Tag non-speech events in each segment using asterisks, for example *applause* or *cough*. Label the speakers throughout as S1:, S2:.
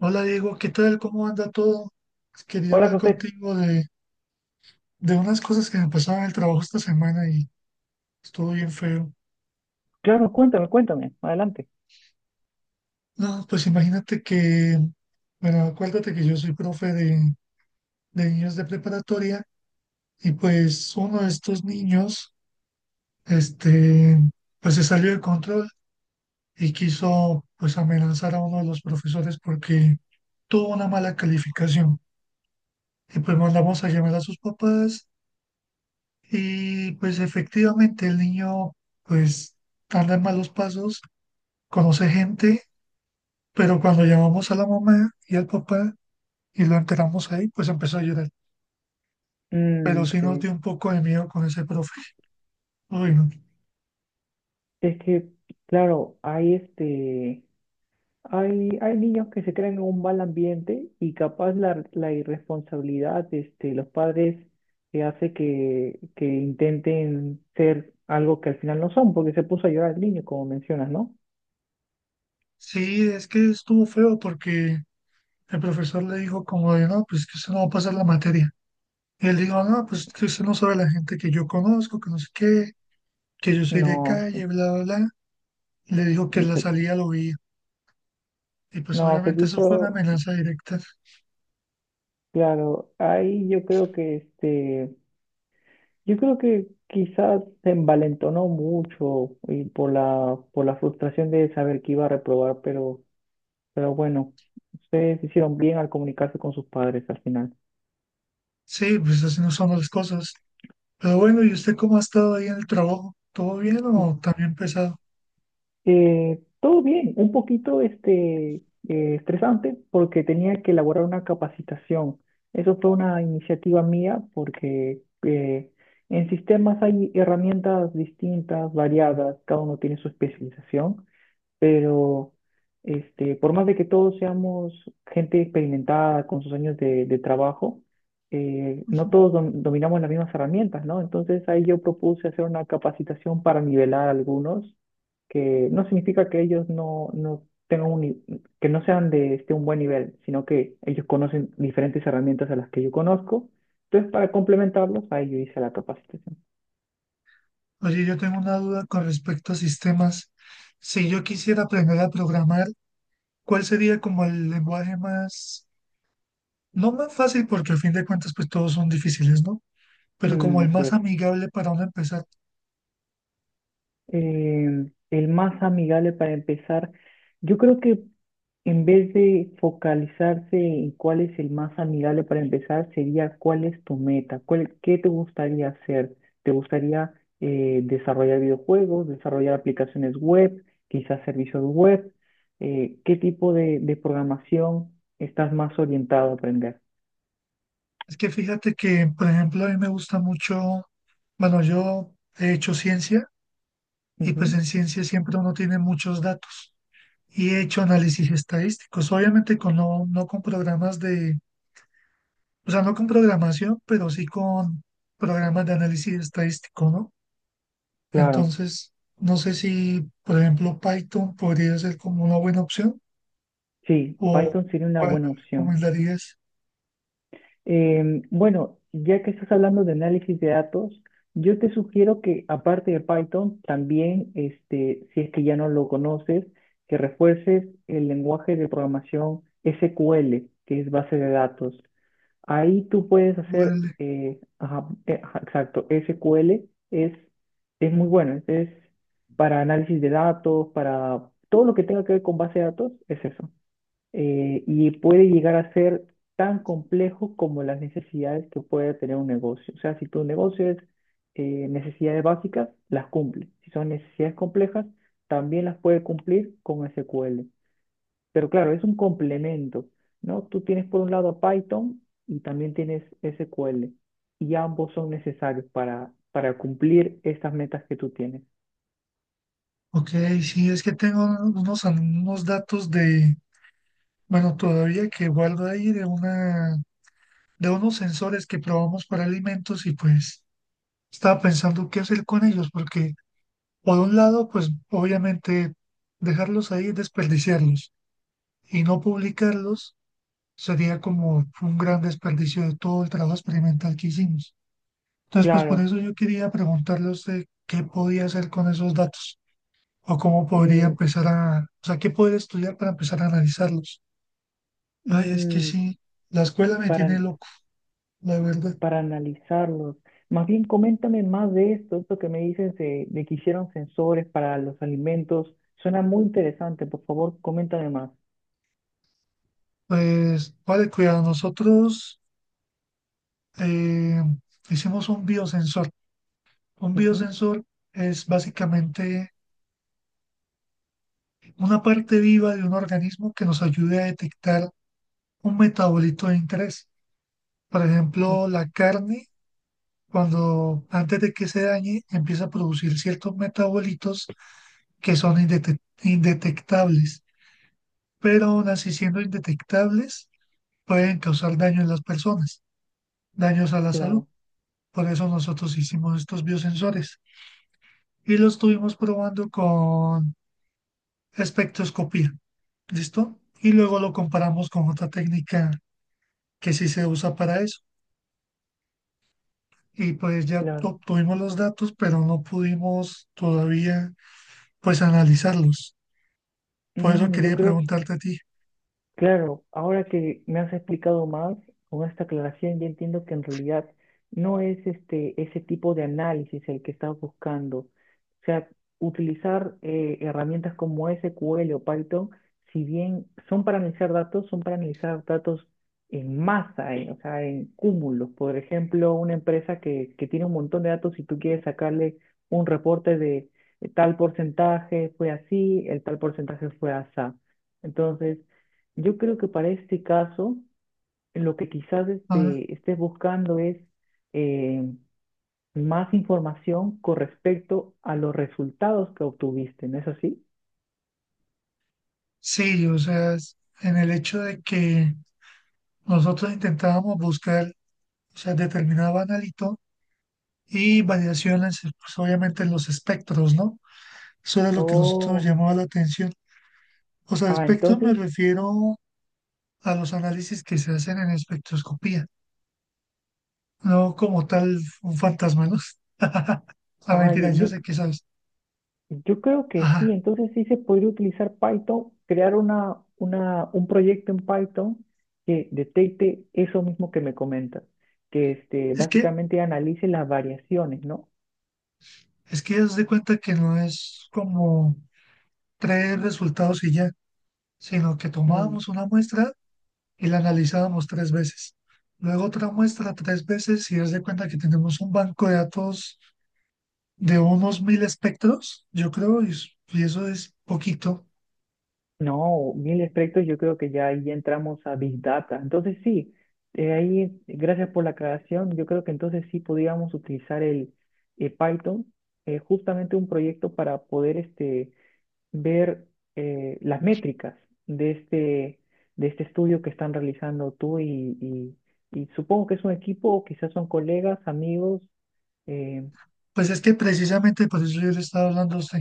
S1: Hola, Diego, ¿qué tal? ¿Cómo anda todo? Quería
S2: Hola,
S1: hablar
S2: José.
S1: contigo de unas cosas que me pasaron en el trabajo esta semana y estuvo bien feo.
S2: Claro, cuéntame, cuéntame. Adelante.
S1: No, pues imagínate que, bueno, acuérdate que yo soy profe de niños de preparatoria y pues uno de estos niños, este, pues se salió de control y quiso pues amenazar a uno de los profesores porque tuvo una mala calificación. Y pues mandamos a llamar a sus papás. Y pues efectivamente el niño pues anda en malos pasos, conoce gente, pero cuando llamamos a la mamá y al papá y lo enteramos ahí, pues empezó a llorar. Pero
S2: Mm,
S1: sí nos
S2: sí.
S1: dio un poco de miedo con ese profe. Uy, no.
S2: Es que, claro, hay niños que se crean en un mal ambiente y capaz la irresponsabilidad de los padres que hace que intenten ser algo que al final no son, porque se puso a llorar el niño, como mencionas, ¿no?
S1: Sí, es que estuvo feo porque el profesor le dijo como de, no, pues que usted no va a pasar la materia. Y él dijo, no, pues que usted no sabe la gente que yo conozco, que no sé qué, que yo soy de
S2: No,
S1: calle, bla, bla, bla. Y le dijo que en la
S2: se-
S1: salida lo veía. Y pues
S2: no, se
S1: obviamente eso fue una
S2: quiso,
S1: amenaza directa.
S2: claro, ahí yo creo que. Yo creo que quizás se envalentonó mucho y por la frustración de saber que iba a reprobar, pero bueno, ustedes hicieron bien al comunicarse con sus padres al final.
S1: Sí, pues así no somos las cosas. Pero bueno, ¿y usted cómo ha estado ahí en el trabajo? ¿Todo bien
S2: Mm,
S1: o también pesado?
S2: Todo bien, un poquito estresante porque tenía que elaborar una capacitación. Eso fue una iniciativa mía porque en sistemas hay herramientas distintas, variadas, cada uno tiene su especialización, pero por más de que todos seamos gente experimentada con sus años de trabajo, no
S1: Ujú.
S2: todos dominamos las mismas herramientas, ¿no? Entonces ahí yo propuse hacer una capacitación para nivelar a algunos, que no significa que ellos no tengan un, ni- que no sean de un buen nivel, sino que ellos conocen diferentes herramientas a las que yo conozco. Entonces, para complementarlos, ahí yo hice la capacitación.
S1: Oye, yo tengo una duda con respecto a sistemas. Si yo quisiera aprender a programar, ¿cuál sería como el lenguaje más, no más fácil, porque al fin de cuentas pues todos son difíciles, ¿no? Pero como
S2: Mm,
S1: el
S2: así
S1: más
S2: es.
S1: amigable para uno empezar.
S2: El más amigable para empezar, yo creo que, en vez de focalizarse en cuál es el más amigable para empezar, sería cuál es tu meta, cuál, qué te gustaría hacer. ¿Te gustaría desarrollar videojuegos, desarrollar aplicaciones web, quizás servicios web? ¿Qué tipo de programación estás más orientado a aprender?
S1: Es que fíjate que, por ejemplo, a mí me gusta mucho, bueno, yo he hecho ciencia y pues
S2: Ujú.
S1: en ciencia siempre uno tiene muchos datos. Y he hecho análisis estadísticos, obviamente con no, no con programas de, o sea, no con programación, pero sí con programas de análisis estadístico, ¿no?
S2: Claro,
S1: Entonces, no sé si, por ejemplo, Python podría ser como una buena opción
S2: sí,
S1: o
S2: Python sería una
S1: cuál
S2: buena
S1: me
S2: opción.
S1: recomendarías.
S2: Bueno, ya que estás hablando de análisis de datos, yo te sugiero que, aparte de Python, también, este, si es que ya no lo conoces, que refuerces el lenguaje de programación SQL, que es base de datos. Ahí tú puedes
S1: QL.
S2: hacer, ajá, ajá, exacto, SQL es muy bueno, es para análisis de datos, para todo lo que tenga que ver con base de datos, es eso. Y puede llegar a ser tan complejo como las necesidades que puede tener un negocio. O sea, si tu negocio es, necesidades básicas, las cumple. Si son necesidades complejas, también las puede cumplir con SQL. Pero claro, es un complemento, ¿no? Tú tienes por un lado a Python y también tienes SQL. Y ambos son necesarios para cumplir estas metas que tú tienes.
S1: Ok, sí, es que tengo unos, unos datos de, bueno, todavía que guardo ahí de una, de unos sensores que probamos para alimentos y pues estaba pensando qué hacer con ellos porque, por un lado, pues obviamente dejarlos ahí, desperdiciarlos y no publicarlos sería como un gran desperdicio de todo el trabajo experimental que hicimos. Entonces, pues por
S2: Claro.
S1: eso yo quería preguntarle a usted qué podía hacer con esos datos o cómo podría
S2: eh,
S1: empezar a, o sea, qué poder estudiar para empezar a analizarlos. Ay, es que
S2: mm,
S1: sí, la escuela me tiene
S2: para,
S1: loco, la verdad.
S2: para analizarlos. Más bien, coméntame más de esto, esto que me dicen de que hicieron sensores para los alimentos. Suena muy interesante, por favor, coméntame más.
S1: Pues, vale, cuidado, nosotros eh, hicimos un biosensor. Un
S2: Ujú.
S1: biosensor es básicamente una parte viva de un organismo que nos ayude a detectar un metabolito de interés. Por
S2: Mm.
S1: ejemplo, la carne, cuando antes de que se dañe, empieza a producir ciertos metabolitos que son indetectables, pero aún así siendo indetectables, pueden causar daño en las personas, daños a la salud.
S2: Claro,
S1: Por eso nosotros hicimos estos biosensores y los estuvimos probando con espectroscopía. ¿Listo? Y luego lo comparamos con otra técnica que sí se usa para eso. Y pues ya
S2: claro.
S1: obtuvimos los datos, pero no pudimos todavía pues analizarlos. Por eso
S2: Mm, yo
S1: quería
S2: creo.
S1: preguntarte a ti.
S2: Claro, ahora que me has explicado más con esta aclaración, ya entiendo que en realidad no es ese tipo de análisis el que estás buscando. O sea, utilizar herramientas como SQL o Python, si bien son para analizar datos, son para analizar datos en masa, o sea, en cúmulos. Por ejemplo, una empresa que tiene un montón de datos y tú quieres sacarle un reporte de tal porcentaje fue así, el tal porcentaje fue así. Entonces, yo creo que para este caso, lo que quizás
S1: Ah,
S2: estés buscando es, eh, más información con respecto a los resultados que obtuviste, ¿no es así?
S1: sí, o sea, es- en el hecho de que nosotros intentábamos buscar, o sea, determinado analito y variaciones, pues obviamente en los espectros, ¿no? Eso era lo que nosotros nos
S2: Oh,
S1: llamaba la atención. O sea,
S2: ah,
S1: espectros me
S2: entonces,
S1: refiero a los análisis que se hacen en espectroscopía, no como tal un fantasma, ¿no? *laughs* La
S2: ah,
S1: mentira, yo
S2: yo,
S1: sé que sabes.
S2: yo creo que sí,
S1: Ajá.
S2: entonces sí se podría utilizar Python, crear un proyecto en Python que detecte eso mismo que me comentas, que este,
S1: Es que,
S2: básicamente analice las variaciones, ¿no?
S1: es que haz de cuenta que no es como 3 resultados y ya, sino que tomábamos una muestra y la analizábamos 3 veces. Luego otra muestra 3 veces y haz de cuenta que tenemos un banco de datos de unos 1000 espectros, yo creo, y, es- y eso es poquito.
S2: No, mil aspectos, yo creo que ya ahí entramos a Big Data. Entonces sí, ahí gracias por la aclaración. Yo creo que entonces sí podríamos utilizar el Python, justamente un proyecto para poder ver las métricas de de este estudio que están realizando tú y supongo que es un equipo, o quizás son colegas, amigos. Eh,
S1: Pues es que precisamente por eso yo le estaba hablando a usted,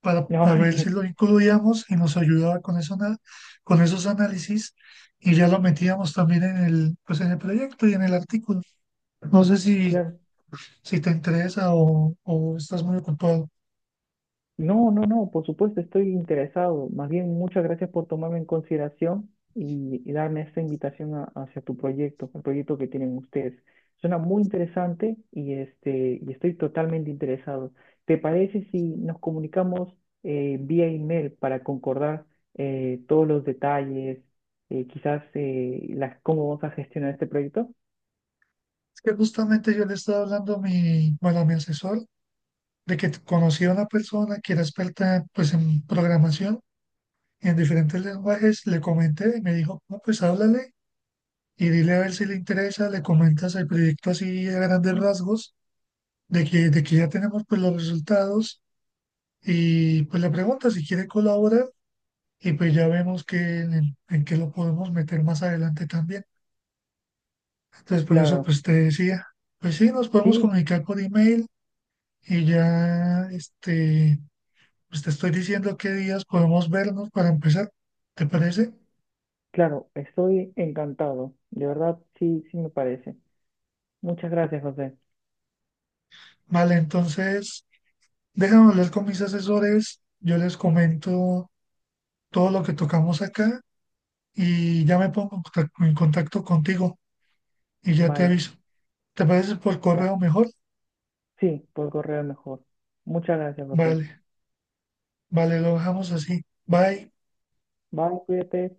S1: para,
S2: *laughs* no,
S1: a ver si lo incluíamos y nos ayudaba con eso, con esos análisis y ya lo metíamos también en el, pues en el proyecto y en el artículo. No sé
S2: *laughs*
S1: si,
S2: claro.
S1: si te interesa o estás muy ocupado.
S2: No, no, no, por supuesto estoy interesado. Más bien, muchas gracias por tomarme en consideración y darme esta invitación hacia tu proyecto, el proyecto que tienen ustedes. Suena muy interesante y, este, y estoy totalmente interesado. ¿Te parece si nos comunicamos vía email para concordar todos los detalles, quizás las, cómo vamos a gestionar este proyecto?
S1: Es que justamente yo le estaba hablando a mi, bueno, a mi asesor de que conocí a una persona que era experta pues en programación en diferentes lenguajes, le comenté y me dijo, no, pues háblale y dile a ver si le interesa, le comentas el proyecto así a grandes rasgos de que ya tenemos pues los resultados y pues la pregunta si quiere colaborar y pues ya vemos que en, el- en qué lo podemos meter más adelante también. Entonces por eso
S2: Claro,
S1: pues te decía, pues sí, nos podemos
S2: sí,
S1: comunicar por email y ya este, pues te estoy diciendo qué días podemos vernos para empezar, ¿te parece?
S2: claro, estoy encantado. De verdad, sí, sí me parece. Muchas gracias, José.
S1: Vale, entonces déjame hablar con mis asesores, yo les comento todo lo que tocamos acá y ya me pongo en en contacto contigo y ya te
S2: Vale,
S1: aviso. ¿Te parece por
S2: vale.
S1: correo mejor?
S2: Sí, por correo mejor. Muchas gracias, José.
S1: Vale, vale, lo dejamos así. Bye.
S2: Bye, cuídate.